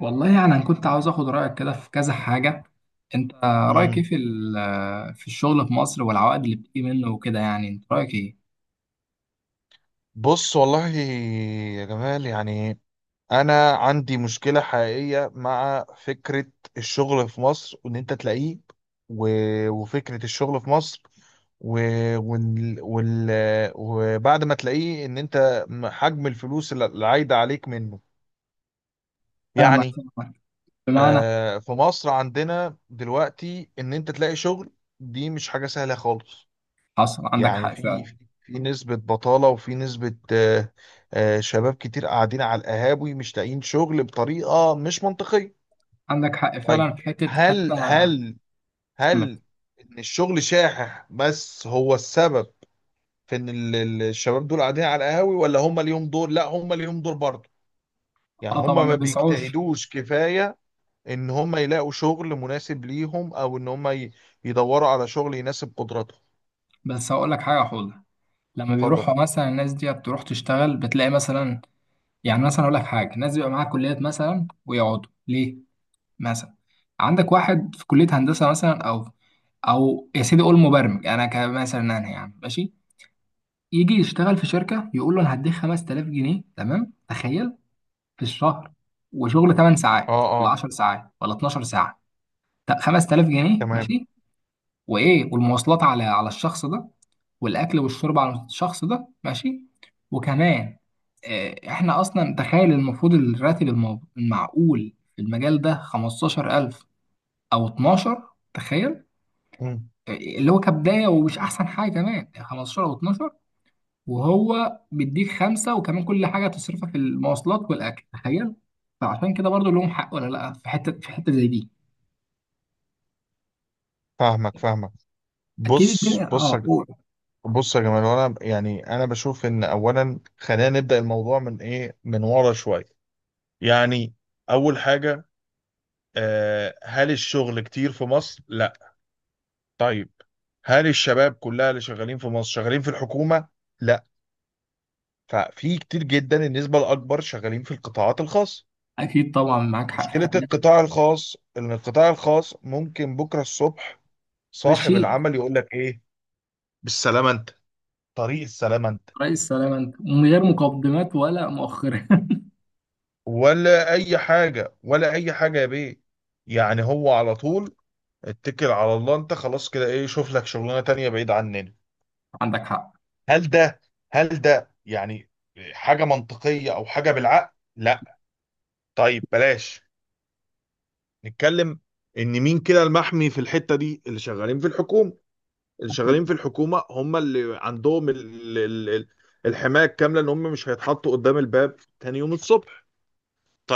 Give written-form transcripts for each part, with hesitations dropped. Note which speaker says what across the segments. Speaker 1: والله يعني انا كنت عاوز اخد رايك كده في كذا حاجه. انت رايك ايه
Speaker 2: مم.
Speaker 1: في الشغل في مصر والعوائد اللي بتيجي منه وكده؟ يعني انت رايك ايه؟
Speaker 2: بص والله يا جمال، يعني انا عندي مشكله حقيقيه مع فكره الشغل في مصر وان انت تلاقيه و... وفكره الشغل في مصر و... وال... وال... وبعد ما تلاقيه ان انت حجم الفلوس اللي عايده عليك منه،
Speaker 1: فاهمك،
Speaker 2: يعني.
Speaker 1: فاهمك. بمعنى،
Speaker 2: في مصر عندنا دلوقتي ان انت تلاقي شغل، دي مش حاجه سهله خالص.
Speaker 1: حصل عندك
Speaker 2: يعني
Speaker 1: حق
Speaker 2: في
Speaker 1: فعلا.
Speaker 2: في في نسبة بطالة، وفي نسبة شباب كتير قاعدين على القهاوي مش لاقيين شغل بطريقة مش منطقية.
Speaker 1: عندك حق فعلا
Speaker 2: طيب،
Speaker 1: في حته، حتى
Speaker 2: هل هل هل إن الشغل شاحح بس هو السبب في إن الشباب دول قاعدين على القهاوي، ولا هم ليهم دور؟ لا، هم ليهم دور برضه. يعني
Speaker 1: اه
Speaker 2: هم
Speaker 1: طبعا
Speaker 2: ما
Speaker 1: ما بيسعوش.
Speaker 2: بيجتهدوش كفاية إن هم يلاقوا شغل مناسب ليهم، أو إن يدوروا على شغل يناسب قدراتهم.
Speaker 1: بس هقول لك حاجه حوله، لما
Speaker 2: اتفضل.
Speaker 1: بيروحوا مثلا الناس دي بتروح تشتغل بتلاقي مثلا، يعني مثلا اقول لك حاجه، ناس بيبقى معاها كليات مثلا ويقعدوا ليه. مثلا عندك واحد في كلية هندسة مثلا، أو أو يا سيدي قول مبرمج، أنا كمثلا أنا يعني ماشي. يجي يشتغل في شركة يقول له أنا هديك 5000 جنيه، تمام؟ تخيل، في الشهر، وشغل 8
Speaker 2: اه،
Speaker 1: ساعات ولا
Speaker 2: اه.
Speaker 1: 10 ساعات ولا 12 ساعة. 5000 جنيه
Speaker 2: تمام.
Speaker 1: ماشي، وإيه، والمواصلات على الشخص ده، والأكل والشرب على الشخص ده ماشي، وكمان إحنا أصلا تخيل المفروض الراتب المعقول في المجال ده 15000 او 12. تخيل،
Speaker 2: مم.
Speaker 1: اللي هو كبدايه ومش احسن حاجه كمان، 15 او 12، وهو بيديك خمسه، وكمان كل حاجه تصرفها في المواصلات والاكل، تخيل. فعشان كده برضو لهم حق ولا لا، في حته في حته زي دي؟
Speaker 2: فاهمك، فاهمك.
Speaker 1: اكيد
Speaker 2: بص
Speaker 1: الدنيا،
Speaker 2: بص يا
Speaker 1: اه
Speaker 2: ج-
Speaker 1: قول.
Speaker 2: بص يا جماعه، انا يعني انا بشوف ان اولا خلينا نبدا الموضوع من ايه، من ورا شويه. يعني اول حاجه، هل الشغل كتير في مصر؟ لا. طيب، هل الشباب كلها اللي شغالين في مصر شغالين في الحكومه؟ لا. ففي كتير جدا، النسبه الاكبر شغالين في القطاعات الخاصه.
Speaker 1: اكيد طبعا معاك حق في
Speaker 2: مشكله
Speaker 1: الحته دي.
Speaker 2: القطاع الخاص ان القطاع الخاص ممكن بكره الصبح صاحب
Speaker 1: ماشي.
Speaker 2: العمل يقول لك ايه؟ بالسلامه انت، طريق السلامه انت،
Speaker 1: رئيس سلام انت، من غير مقدمات ولا مؤخره.
Speaker 2: ولا اي حاجه، ولا اي حاجه يا بيه. يعني هو على طول، اتكل على الله انت، خلاص كده، ايه، شوف لك شغلانه تانية بعيد عننا.
Speaker 1: عندك حق.
Speaker 2: هل ده هل ده يعني حاجه منطقيه او حاجه بالعقل؟ لا. طيب بلاش. نتكلم ان مين كده المحمي في الحته دي؟ اللي شغالين في الحكومه. اللي
Speaker 1: اكيد.
Speaker 2: شغالين في الحكومه هم اللي عندهم الحمايه الكامله ان هم مش هيتحطوا قدام الباب تاني يوم الصبح.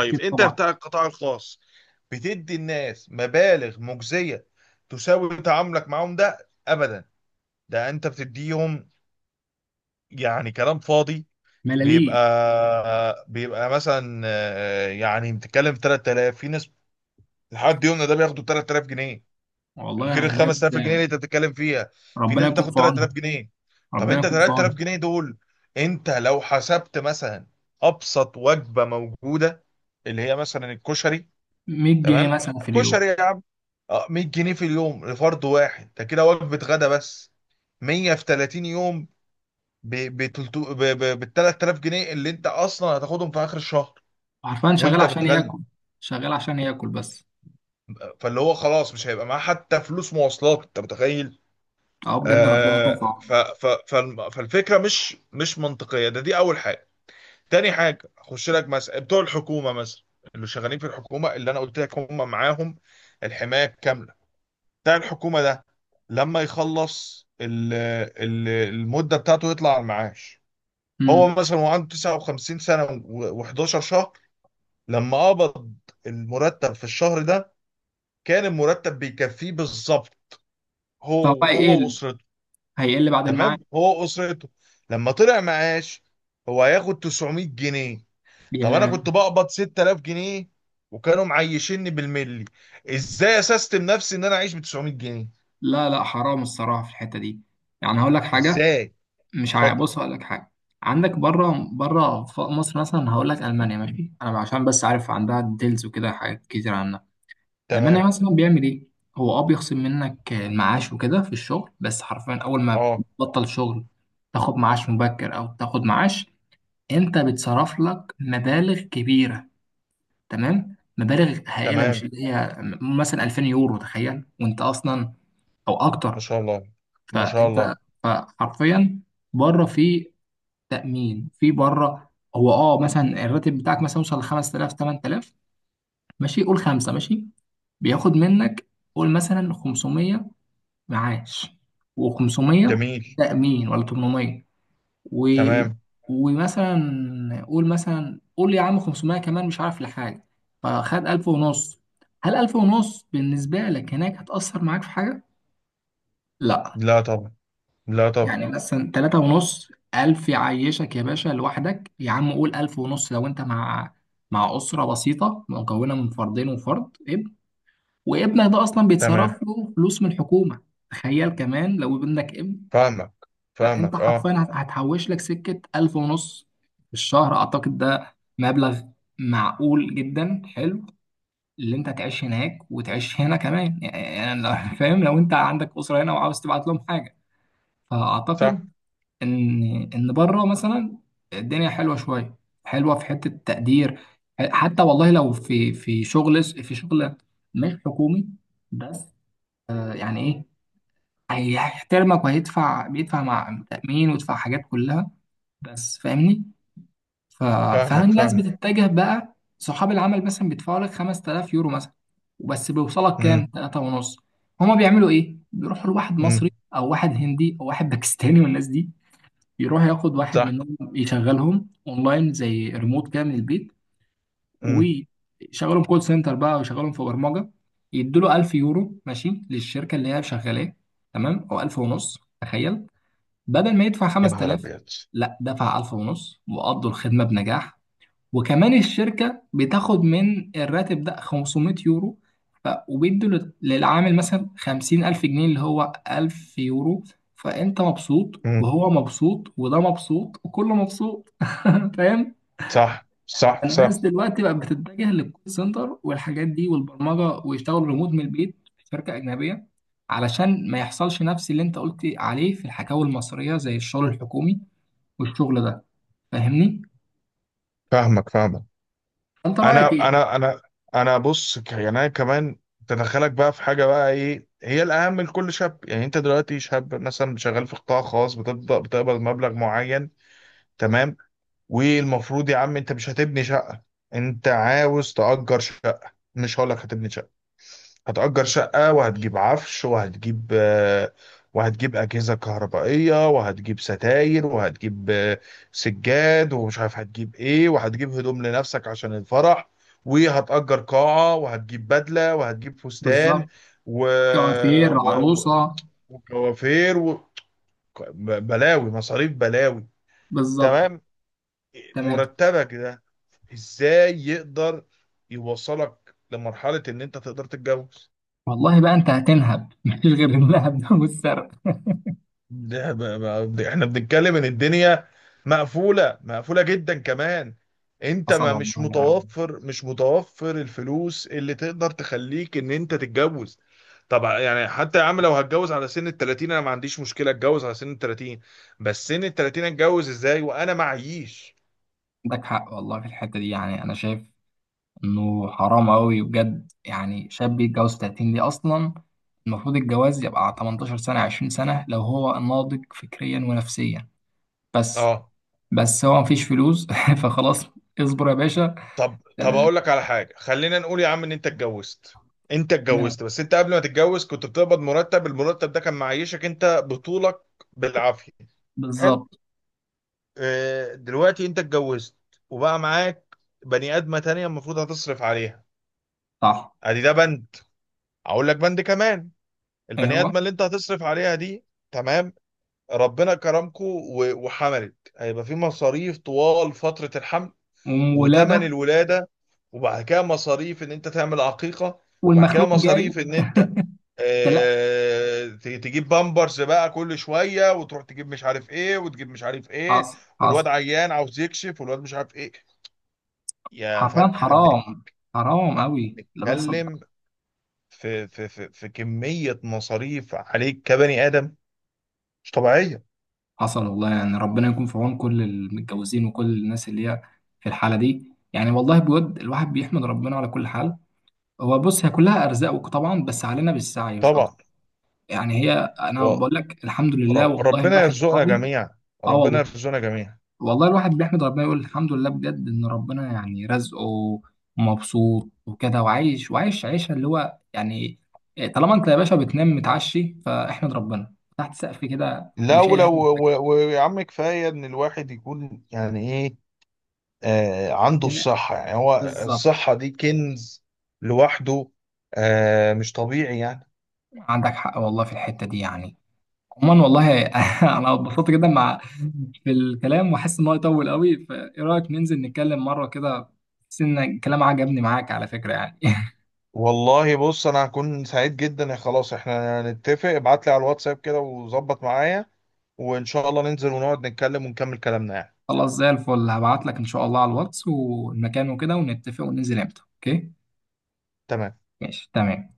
Speaker 1: اكيد
Speaker 2: انت
Speaker 1: طبعا.
Speaker 2: بتاع القطاع الخاص بتدي الناس مبالغ مجزية تساوي تعاملك معاهم ده؟ ابدا. ده انت بتديهم يعني كلام فاضي.
Speaker 1: ملاليم.
Speaker 2: بيبقى مثلا يعني بتتكلم في 3000، في ناس لحد يومنا ده بياخدوا 3000 جنيه
Speaker 1: والله
Speaker 2: غير ال
Speaker 1: يعني بجد.
Speaker 2: 5000 جنيه اللي انت بتتكلم فيها. في
Speaker 1: ربنا
Speaker 2: ناس
Speaker 1: يكون
Speaker 2: بتاخد
Speaker 1: في
Speaker 2: 3000
Speaker 1: عونهم،
Speaker 2: جنيه طب
Speaker 1: ربنا
Speaker 2: انت
Speaker 1: يكون في
Speaker 2: 3000
Speaker 1: عونهم.
Speaker 2: جنيه دول، انت لو حسبت مثلا ابسط وجبة موجودة، اللي هي مثلا الكشري.
Speaker 1: 100 جنيه
Speaker 2: تمام.
Speaker 1: مثلا في اليوم.
Speaker 2: كشري يا عم. 100 جنيه في اليوم لفرد واحد، ده كده وجبه غدا بس. 100 في 30 يوم، ب ب تلتو- ب 3000 جنيه اللي انت اصلا هتاخدهم في اخر الشهر
Speaker 1: عارفان شغال
Speaker 2: وانت
Speaker 1: عشان
Speaker 2: بتغلب.
Speaker 1: ياكل، شغال عشان ياكل بس.
Speaker 2: فاللي هو خلاص مش هيبقى معاه حتى فلوس مواصلات، انت متخيل؟
Speaker 1: اه بجد ربنا يكون في عونه.
Speaker 2: فالفكره مش منطقيه، دي اول حاجه. تاني حاجه، اخش لك مثلا بتوع الحكومه، مثلا اللي شغالين في الحكومه اللي انا قلت لك هم معاهم الحمايه. بتاع الحكومة ده لما يخلص المدة بتاعته يطلع على المعاش. هو
Speaker 1: امم.
Speaker 2: مثلا وعنده 59 سنة و11 شهر، لما قبض المرتب في الشهر ده كان المرتب بيكفيه بالظبط
Speaker 1: طب
Speaker 2: هو
Speaker 1: بقى ايه
Speaker 2: هو وأسرته.
Speaker 1: هيقل بعد الميعاد؟
Speaker 2: تمام، هو وأسرته. لما طلع معاش، هو هياخد 900 جنيه. طب أنا
Speaker 1: يا-
Speaker 2: كنت بقبض 6000 جنيه وكانوا معيشيني بالملي، ازاي اسست نفسي ان انا اعيش ب 900 جنيه؟
Speaker 1: لا لا، حرام الصراحه في الحته دي. يعني هقول لك حاجه.
Speaker 2: ازاي؟
Speaker 1: مش عا-
Speaker 2: اتفضل.
Speaker 1: بص هقول لك حاجه. عندك بره بره، مصر مثلا هقول لك، المانيا ماشي، انا عشان بس عارف عندها ديلز وكده حاجات كتير عنها.
Speaker 2: تمام.
Speaker 1: المانيا مثلا بيعمل ايه؟ هو اه بيخصم منك المعاش وكده في الشغل، بس حرفيا اول ما
Speaker 2: اه.
Speaker 1: بتبطل شغل تاخد معاش مبكر او تاخد معاش. انت بيتصرف لك مبالغ كبيره، تمام، مبالغ هائله، مش
Speaker 2: تمام.
Speaker 1: اللي هي مثلا 2000 يورو تخيل، وانت اصلا، او
Speaker 2: ما
Speaker 1: اكتر.
Speaker 2: شاء الله. ما شاء
Speaker 1: فانت،
Speaker 2: الله.
Speaker 1: فحرفيا، بره، في تامين في بره. هو اه مثلا الراتب بتاعك مثلا يوصل ل 5000 8000، ماشي قول خمسه ماشي. بياخد منك، قول مثلا 500 معاش، و500
Speaker 2: جميل.
Speaker 1: تامين ولا 800، و...
Speaker 2: تمام.
Speaker 1: ومثلا قول مثلا قول يا عم 500 كمان مش عارف لحاجه. فخد 1000 ونص. هل 1000 ونص بالنسبه لك هناك هتأثر معاك في حاجه؟ لا.
Speaker 2: لا طبعا. لا طبعا.
Speaker 1: يعني مثلا 3 ونص، 1000 يعيشك يا باشا لوحدك يا عم. قول 1000 ونص لو انت مع اسره بسيطه مكونه من فردين وفرد ابن، وابنك ده اصلا
Speaker 2: تمام.
Speaker 1: بيتصرف له فلوس من الحكومه. تخيل كمان لو ابنك ابن.
Speaker 2: فاهمك،
Speaker 1: فانت
Speaker 2: فاهمك.
Speaker 1: حرفيا
Speaker 2: اه.
Speaker 1: هتحوش لك سكه ألف ونص في الشهر. اعتقد ده مبلغ معقول جدا، حلو. اللي انت تعيش هناك وتعيش هنا كمان، يعني فاهم؟ لو انت عندك اسره هنا وعاوز تبعت لهم حاجه.
Speaker 2: صح.
Speaker 1: فاعتقد ان، بره مثلا الدنيا حلوه شويه، حلوه في حته التقدير. حتى والله لو في شغل، في شغل مش حكومي بس، يعني ايه، هيحترمك، وهيدفع بيدفع مع تأمين ويدفع حاجات كلها، بس. فاهمني؟ ف... فهل
Speaker 2: فاهمك،
Speaker 1: الناس
Speaker 2: فاهمك.
Speaker 1: بتتجه بقى؟ صحاب العمل مثلا بيدفعوا لك 5000 يورو مثلا، وبس بيوصلك كام؟
Speaker 2: امم.
Speaker 1: 3 ونص. هما بيعملوا ايه؟ بيروحوا لواحد مصري
Speaker 2: امم.
Speaker 1: او واحد هندي او واحد باكستاني، والناس دي يروح ياخد واحد
Speaker 2: صح.
Speaker 1: منهم يشغلهم اونلاين زي ريموت كده من البيت،
Speaker 2: امم.
Speaker 1: ويشغلهم كول سنتر بقى، ويشغلهم في برمجة. يدوا له 1000 يورو ماشي للشركة اللي هي شغالاه، تمام، او 1000 ونص تخيل، بدل ما يدفع
Speaker 2: يا نهار
Speaker 1: 5000.
Speaker 2: ابيض.
Speaker 1: لا، دفع 1000 ونص وقضوا الخدمة بنجاح. وكمان الشركة بتاخد من الراتب ده 500 يورو. ف... وبيدوا للعامل مثلا 50000 جنيه، اللي هو 1000 يورو. فأنت مبسوط،
Speaker 2: امم.
Speaker 1: وهو مبسوط، وده مبسوط، وكله مبسوط. فاهم؟
Speaker 2: صح، صح،
Speaker 1: الناس
Speaker 2: صح.
Speaker 1: دلوقتي بقت بتتجه للكول سنتر والحاجات دي والبرمجة، ويشتغلوا ريموت من البيت في شركة أجنبية، علشان ما يحصلش نفس اللي انت قلت عليه في الحكاوي المصرية، زي الشغل الحكومي والشغل ده. فاهمني؟
Speaker 2: فاهمك، فاهمك.
Speaker 1: انت رايك
Speaker 2: انا
Speaker 1: ايه؟
Speaker 2: انا انا انا يعني انا كمان تدخلك بقى في حاجه، بقى ايه هي الاهم لكل شاب؟ يعني انت دلوقتي شاب مثلا شغال في قطاع خاص، بتبدا بتقبض مبلغ معين. تمام. والمفروض يا عم، انت مش هتبني شقة، انت عاوز تأجر شقة، مش هقولك هتبني شقة، هتأجر شقة، وهتجيب عفش، وهتجيب وهتجيب أجهزة كهربائية، وهتجيب ستاير، وهتجيب سجاد، ومش عارف هتجيب ايه، وهتجيب هدوم لنفسك عشان الفرح، وهتأجر قاعة، وهتجيب بدلة، وهتجيب فستان
Speaker 1: بالظبط.
Speaker 2: و...
Speaker 1: كوافير
Speaker 2: و... و-
Speaker 1: عروسه.
Speaker 2: وكوافير بلاوي مصاريف بلاوي.
Speaker 1: بالظبط.
Speaker 2: تمام.
Speaker 1: تمام.
Speaker 2: مرتبك ده ازاي يقدر يوصلك لمرحلة ان انت تقدر تتجوز؟
Speaker 1: والله بقى، انت هتنهب. مفيش غير اللهب ده والسرقه.
Speaker 2: ده احنا بنتكلم ان الدنيا مقفولة، مقفولة جدا كمان. انت
Speaker 1: حصل
Speaker 2: ما
Speaker 1: والله
Speaker 2: مش
Speaker 1: يعني.
Speaker 2: متوفر، مش متوفر الفلوس اللي تقدر تخليك ان انت تتجوز. طبعا، يعني حتى يا عم لو هتجوز على سن ال 30، انا ما عنديش مشكلة اتجوز على سن ال 30، بس سن ال 30 اتجوز ازاي وانا معيش؟
Speaker 1: عندك حق والله في الحته دي. يعني انا شايف انه حرام قوي بجد يعني شاب يتجوز 30 دي اصلا. المفروض الجواز يبقى على 18 سنه، 20 سنه، لو هو ناضج فكريا ونفسيا، بس.
Speaker 2: اه.
Speaker 1: بس هو مفيش فلوس. فخلاص اصبر يا باشا.
Speaker 2: طب اقول لك على حاجه، خلينا نقول يا عم ان انت اتجوزت. انت
Speaker 1: تمام.
Speaker 2: اتجوزت، بس انت قبل ما تتجوز كنت بتقبض مرتب، المرتب ده كان معيشك انت بطولك بالعافيه. حلو.
Speaker 1: بالظبط.
Speaker 2: دلوقتي انت اتجوزت وبقى معاك بني ادمه تانية المفروض هتصرف عليها.
Speaker 1: صح.
Speaker 2: ادي ده بند. اقول لك بند كمان،
Speaker 1: ايه
Speaker 2: البني
Speaker 1: هو؟
Speaker 2: ادمه اللي انت هتصرف عليها دي، تمام، ربنا كرمكو وحملت، هيبقى في مصاريف طوال فتره الحمل وتمن
Speaker 1: وولادة.
Speaker 2: الولادة، وبعد كده مصاريف ان انت تعمل عقيقة، وبعد كده
Speaker 1: والمخلوق جاي.
Speaker 2: مصاريف ان انت
Speaker 1: ده لا،
Speaker 2: تجيب بامبرز بقى كل شوية، وتروح تجيب مش عارف ايه، وتجيب مش عارف ايه،
Speaker 1: حصل،
Speaker 2: والواد
Speaker 1: حصل.
Speaker 2: عيان عاوز يكشف، والواد مش عارف ايه. يا فن،
Speaker 1: حرفيا حرام. حرام قوي اللي بيحصل
Speaker 2: بنتكلم
Speaker 1: ده.
Speaker 2: في في كمية مصاريف عليك كبني آدم مش طبيعية.
Speaker 1: حصل والله يعني. ربنا يكون في عون كل المتجوزين وكل الناس اللي هي في الحالة دي. يعني والله بود الواحد بيحمد ربنا على كل حال. هو بص، هي كلها أرزاق طبعا، بس علينا بالسعي مش أكتر.
Speaker 2: طبعا.
Speaker 1: يعني هي، أنا
Speaker 2: ورب
Speaker 1: بقول لك الحمد لله، والله
Speaker 2: ربنا
Speaker 1: الواحد
Speaker 2: يرزقنا
Speaker 1: راضي.
Speaker 2: جميعا.
Speaker 1: اه
Speaker 2: ربنا
Speaker 1: والله.
Speaker 2: يرزقنا جميعا.
Speaker 1: والله الواحد بيحمد ربنا، يقول الحمد لله بجد، ان ربنا يعني رزقه ومبسوط وكده وعايش، وعايش عيشه اللي هو يعني، طالما انت يا باشا بتنام متعشي فاحمد ربنا تحت سقف كده،
Speaker 2: لا،
Speaker 1: وشايل
Speaker 2: ولو،
Speaker 1: هم
Speaker 2: ويا عم كفايه ان الواحد يكون يعني ايه، عنده
Speaker 1: الدنيا.
Speaker 2: الصحه. يعني هو
Speaker 1: بالظبط.
Speaker 2: الصحه دي كنز لوحده، آه مش طبيعي يعني.
Speaker 1: عندك حق والله في الحته دي يعني. عموما والله انا اتبسطت جدا مع في الكلام، واحس ان هو يطول قوي. فايه رايك ننزل نتكلم مره كده؟ بس ان الكلام عجبني معاك على فكره يعني.
Speaker 2: والله، بص، انا هكون سعيد جدا. يا خلاص، احنا نتفق، ابعت لي على الواتساب كده وظبط معايا، وان شاء الله ننزل ونقعد نتكلم ونكمل كلامنا يعني.
Speaker 1: خلاص، زي الفل، هبعت لك ان شاء الله على الواتس والمكان وكده، ونتفق، وننزل امتى. اوكي
Speaker 2: تمام.
Speaker 1: ماشي تمام.